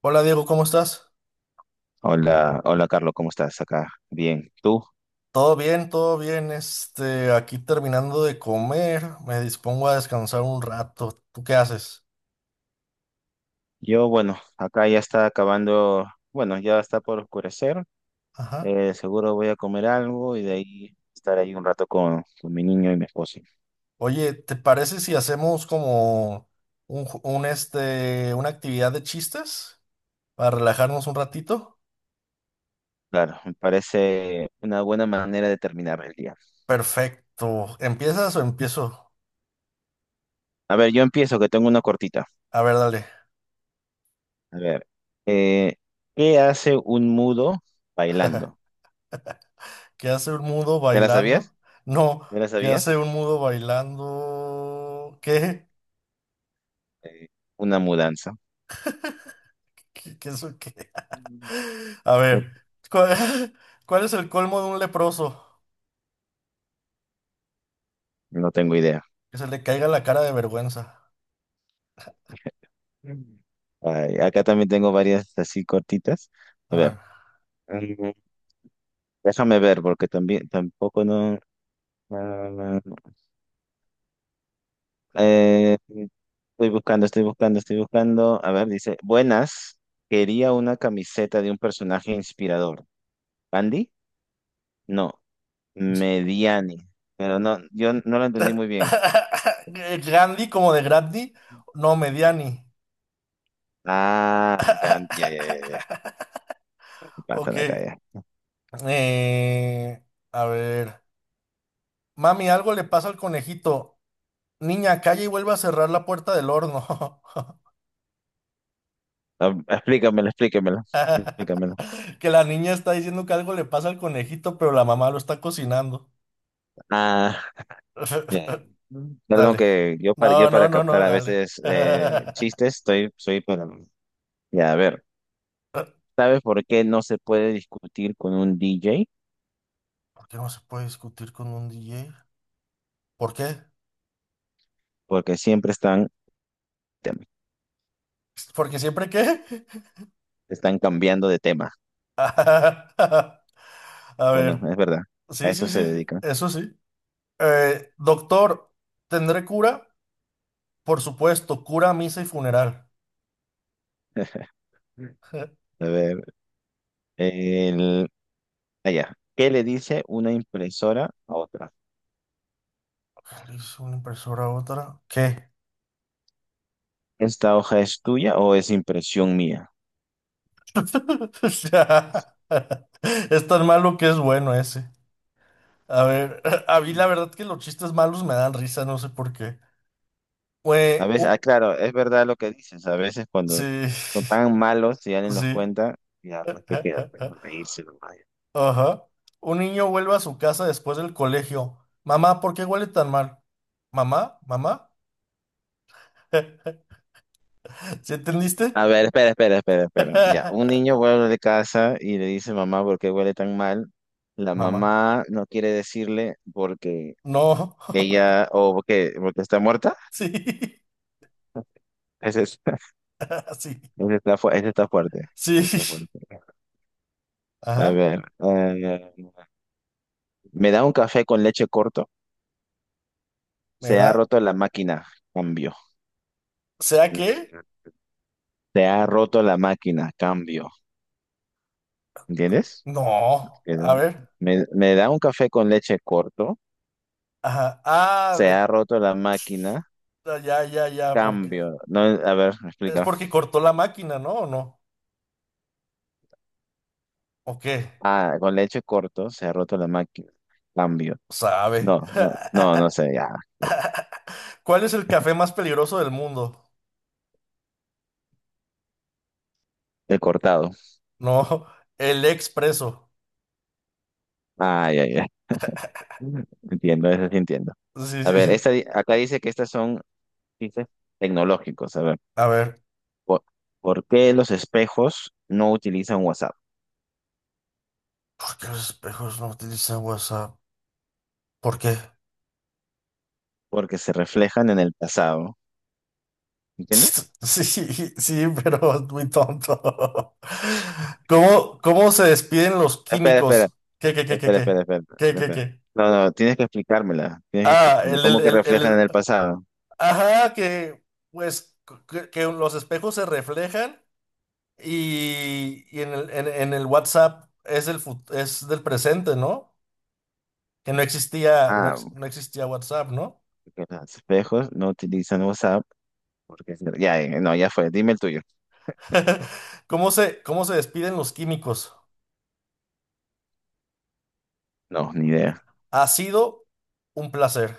Hola Diego, ¿cómo estás? Hola, hola Carlos, ¿cómo estás acá? Bien, ¿tú? Todo bien, todo bien. Este, aquí terminando de comer, me dispongo a descansar un rato. ¿Tú qué haces? Yo, bueno, acá ya está acabando, bueno, ya está por oscurecer, Ajá. Seguro voy a comer algo y de ahí estar ahí un rato con mi niño y mi esposo. Oye, ¿te parece si hacemos como un, ju- un, este, una actividad de chistes para relajarnos un ratito? Claro, me parece una buena manera de terminar el día. Perfecto. ¿Empiezas o empiezo? A ver, yo empiezo, que tengo una cortita. A ver, dale. A ver, eh, ¿qué hace un mudo bailando? ¿Qué hace un mudo ¿Ya la bailando? sabías? No, ¿Ya la ¿qué hace sabías? un mudo bailando? ¿Qué? Eh, una mudanza. ¿Qué es qué? No, A ver, ¿cuál, cuál es el colmo de un leproso? no tengo idea. Que se le caiga la cara de vergüenza. Mm. Ay, acá también tengo varias así cortitas. A A ver. ver, mm, déjame ver porque también tampoco no. ah, eh, estoy buscando. A ver, dice, buenas. Quería una camiseta de un personaje inspirador. ¿Andy? No, Mediani. Pero no, yo no lo entendí muy bien. Gandhi como de Gandhi, no, Mediani. Ah, ya, ya, ya, ya, ya. ¿Qué pasa Ok. acá ya? Eh, a ver. Mami, algo le pasa al conejito. Niña, calla y vuelve a cerrar la puerta del horno. Ah, explícamelo, explícamelo, explícamelo. Que la niña está diciendo que algo le pasa al conejito, pero la mamá lo está cocinando. Ah, bien. Perdón Dale. que yo para, No, yo no, para no, no, captar a dale. veces chistes, estoy, soy para... Ya, a ver, ¿sabes por qué no se puede discutir con un DJ? ¿Por qué no se puede discutir con un DJ? ¿Por qué? Porque siempre están, te- ¿Porque siempre qué? están cambiando de tema. A Bueno, ver. es verdad, a Sí, eso sí, se sí, dedican. eso sí. Doctor, ¿tendré cura? Por supuesto, cura, misa y funeral. A ver, el, allá. ¿Qué le dice una impresora a otra? ¿Le hizo una impresora a otra? ¿Qué? ¿Esta hoja es tuya o es impresión mía? O sea, es tan malo que es bueno ese. A ver, a mí la verdad que los chistes malos me dan risa, no sé por qué. A Güey, veces, ah, u- claro, es verdad lo que dices. A veces sí. cuando son tan malos y alguien los Sí. cuenta, ya, pues qué queda, pues, no reírse nomás. Ajá. Un niño vuelve a su casa después del colegio. Mamá, ¿por qué huele tan mal? ¿Mamá? ¿Mamá? ¿Sí entendiste? A ver, espera. Ya, un niño vuelve de casa y le dice mamá por qué huele tan mal. La Mamá. mamá no quiere decirle porque No. ella, o porque está muerta. Sí. Ese, es- Sí. Ese está fuerte. Ese está Sí. fuerte. A Ajá. ver, me da un café con leche corto. Me Se ha da. roto la máquina. Cambio. ¿Será Mm, que? Te ha roto la máquina, cambio. ¿Entiendes? No. Que A ver. me da un café con leche corto. Ajá. Ah, Se de- ha roto la máquina, ah, ya, ya, ya. Porque cambio. No, a ver, me es explica. porque cortó la máquina, ¿no? ¿O no? ¿O qué? Ah, con leche corto, se ha roto la máquina, cambio. Sabe. No, no, no, no sé, ya. ¿Cuál es el café más peligroso del mundo? He cortado. No, el expreso. Ah, ya, ya. Entiendo, eso sí entiendo. Sí, A sí, ver, sí. Acá dice que estas son dice, tecnológicos. A ver, A ver, ¿por, ¿por qué los espejos no utilizan WhatsApp? ¿por qué los espejos no utilizan WhatsApp? ¿Por qué? Porque se reflejan en el pasado. ¿Entiendes? Sí, sí, pero es muy tonto. ¿Cómo se despiden los Espera, espera, químicos? ¿Qué, qué, qué, qué, espera, espera, qué? espera, ¿Qué, qué, espera. qué? No, no, tienes que explicármela, tienes que Ah, explicarme cómo que reflejan en el pasado. ajá, que, pues, que los espejos se reflejan y en en el WhatsApp es del, fut- es del presente, ¿no? Que no existía, no, Ah, ex- no existía WhatsApp, ¿no? que los espejos no utilizan WhatsApp porque ya, no, ya fue, dime el tuyo. ¿Cómo se despiden los químicos? No, ni idea. Ha sido un placer.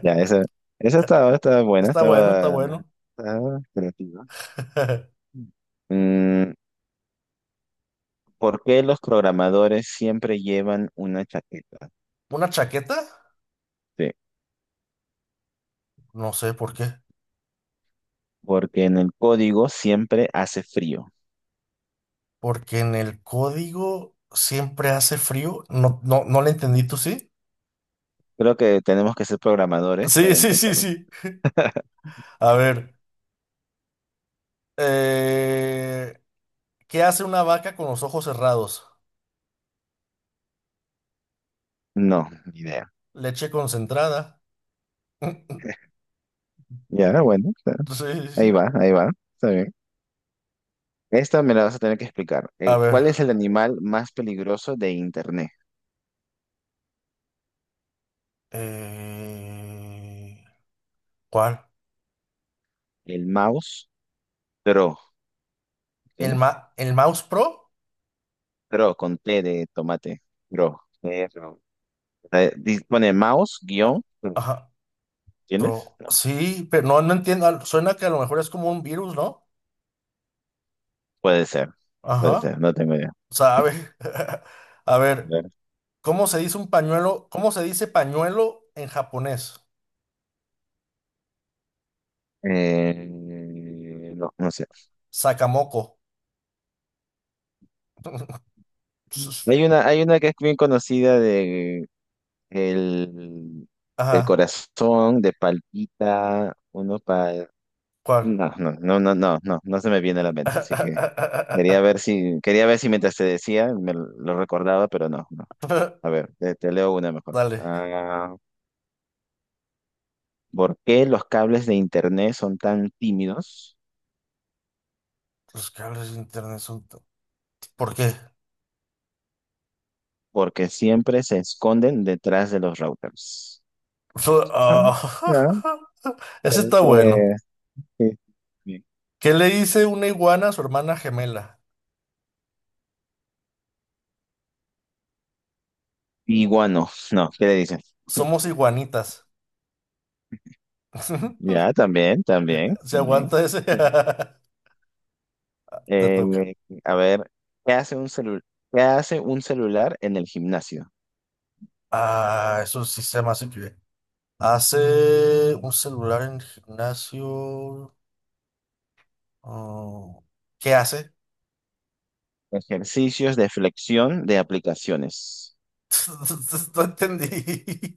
Ya, estaba buena, Está bueno, está estaba, bueno. estaba creativa. Mm, ¿Por qué los programadores siempre llevan una chaqueta? ¿Una chaqueta? Sí, No sé por qué. porque en el código siempre hace frío. Porque en el código siempre hace frío. No, no, no le entendí, ¿tú sí? Creo que tenemos que ser programadores Sí, para sí, sí, entenderlo. sí. A ver. eh, ¿Qué hace una vaca con los ojos cerrados? No, ni idea. Leche concentrada. Ya, bueno, está- Sí, sí, sí. Ahí va, está bien. Esta me la vas a tener que explicar. A ver. ¿Cuál es el animal más peligroso de Internet? eh, ¿Cuál? El mouse Dro. ¿El, ¿Tienes? ma- el Mouse Pro? Dro, con T de tomate. Dro. Dro. Pone mouse Ah, guión Dro. Ajá. ¿Tienes? Tro- No. sí, pero no, no entiendo. Al- Suena que a lo mejor es como un virus, ¿no? Puede ser, puede Ajá. ser, no tengo idea. Sabe. A ver, ¿cómo se dice un pañuelo? ¿Cómo se dice pañuelo en japonés? Eh, no, no sé. Sakamoko. Sus- Hay una que es bien conocida de el, del Ajá. corazón, de palpita, uno para ¿Cuál? no, no, no, no, no, no, no se me viene a la mente, así que quería ver si mientras te decía lo recordaba, pero no, no. A ver, te leo una mejor. Dale. Ah, ¿por qué los cables de internet son tan tímidos? Los cables de internet son... to- ¿Por qué? Porque siempre se esconden detrás de los routers. Su- No, Ah, no, Ese pues, está bueno. pues, sí. Bien. ¿Qué le dice una iguana a su hermana gemela? Iguano, no, ¿qué le dicen? Somos iguanitas. Ya, también, también, ¿Se también. aguanta ese? Te toca. Eh, a ver, ¿qué hace un celu- ¿qué hace un celular en el gimnasio? Ah, eso sí se me hace que hace un celular en el gimnasio. Ah, ¿qué hace? Ejercicios de flexión de aplicaciones. No entendí.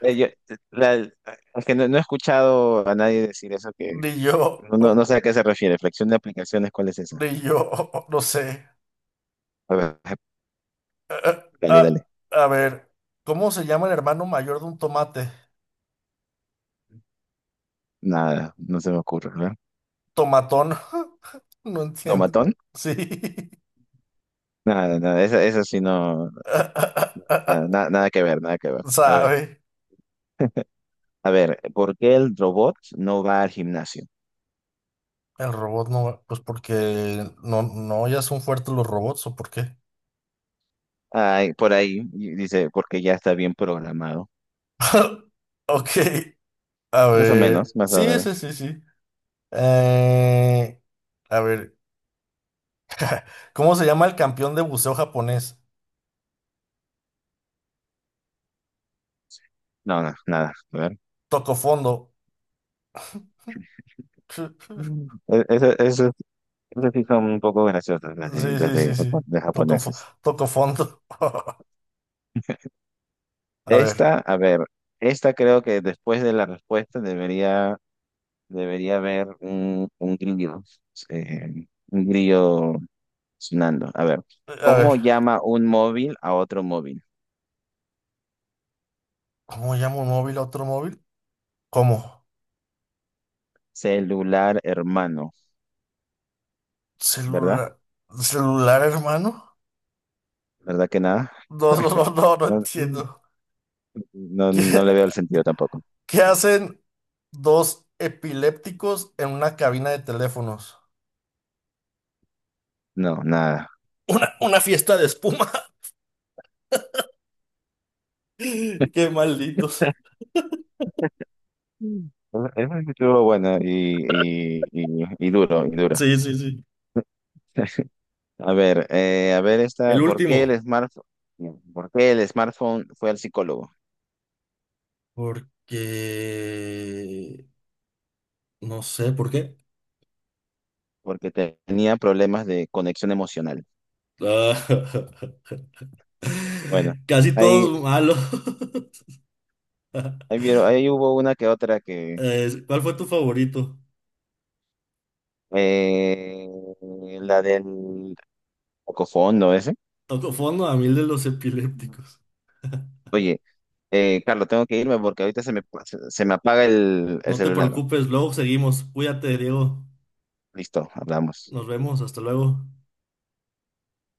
Eh, yo- la- Aunque no, no he escuchado a nadie decir eso, que Ni yo, no sé a qué se refiere. Flexión de aplicaciones, ¿cuál es esa? ni yo, no sé. A ver, Ah, dale, ah, dale. a ver, ¿cómo se llama el hermano mayor de un tomate? Nada, no se me ocurre, ¿verdad? Tomatón. No entiendo. ¿Tomatón? Sí. Nada, nada, esa sí no, nada, nada que ver, nada que ver. A ver, ¿Sabe? a ver, ¿por qué el robot no va al gimnasio? El robot no, pues porque no, no, ya son fuertes los robots, ¿o por qué? Ay, por ahí y dice, porque ya está bien programado. Ok. A Más o menos, ver, más o sí, sí, menos. sí, sí. Eh, a ver, ¿cómo se llama el campeón de buceo japonés? No, no, nada, a ver. Toco fondo. Mm. Eso, eso esas sí son un poco graciosas las de, Sí, las sí, sí, de, sí. japo- de Toco, fo- japoneses. toco fondo. A ver, Esta, a ver, esta creo que después de la respuesta debería, debería haber eh, un grillo sonando. A ver, a ver. ¿cómo llama un móvil a otro móvil? ¿Cómo llamo un móvil a otro móvil? ¿Cómo? Celular hermano, ¿verdad? ¿Celular? ¿Celular, hermano? ¿Verdad que nada? No, no, no, no, no No, entiendo. no, ¿Qué, no le veo el sentido tampoco. qué hacen dos epilépticos en una cabina de teléfonos? No, nada. Una fiesta de espuma. Qué malditos. Mm. Eso estuvo bueno y duro, y duro. Sí, sí, sí. A ver esta, El último. ¿Por qué el smartphone fue al psicólogo? Porque... No sé por qué. Porque tenía problemas de conexión emocional. Ah, Bueno, Casi ahí, todos malos. ahí vieron, ahí hubo una que otra que, ¿cuál fue tu favorito? eh, la del cocofondo ese. Toco fondo a mil de los epilépticos. Oye, Carlos, tengo que irme porque ahorita se me apaga el No te celular. preocupes, luego seguimos. Cuídate, Diego. Listo, hablamos. Nos vemos, hasta luego.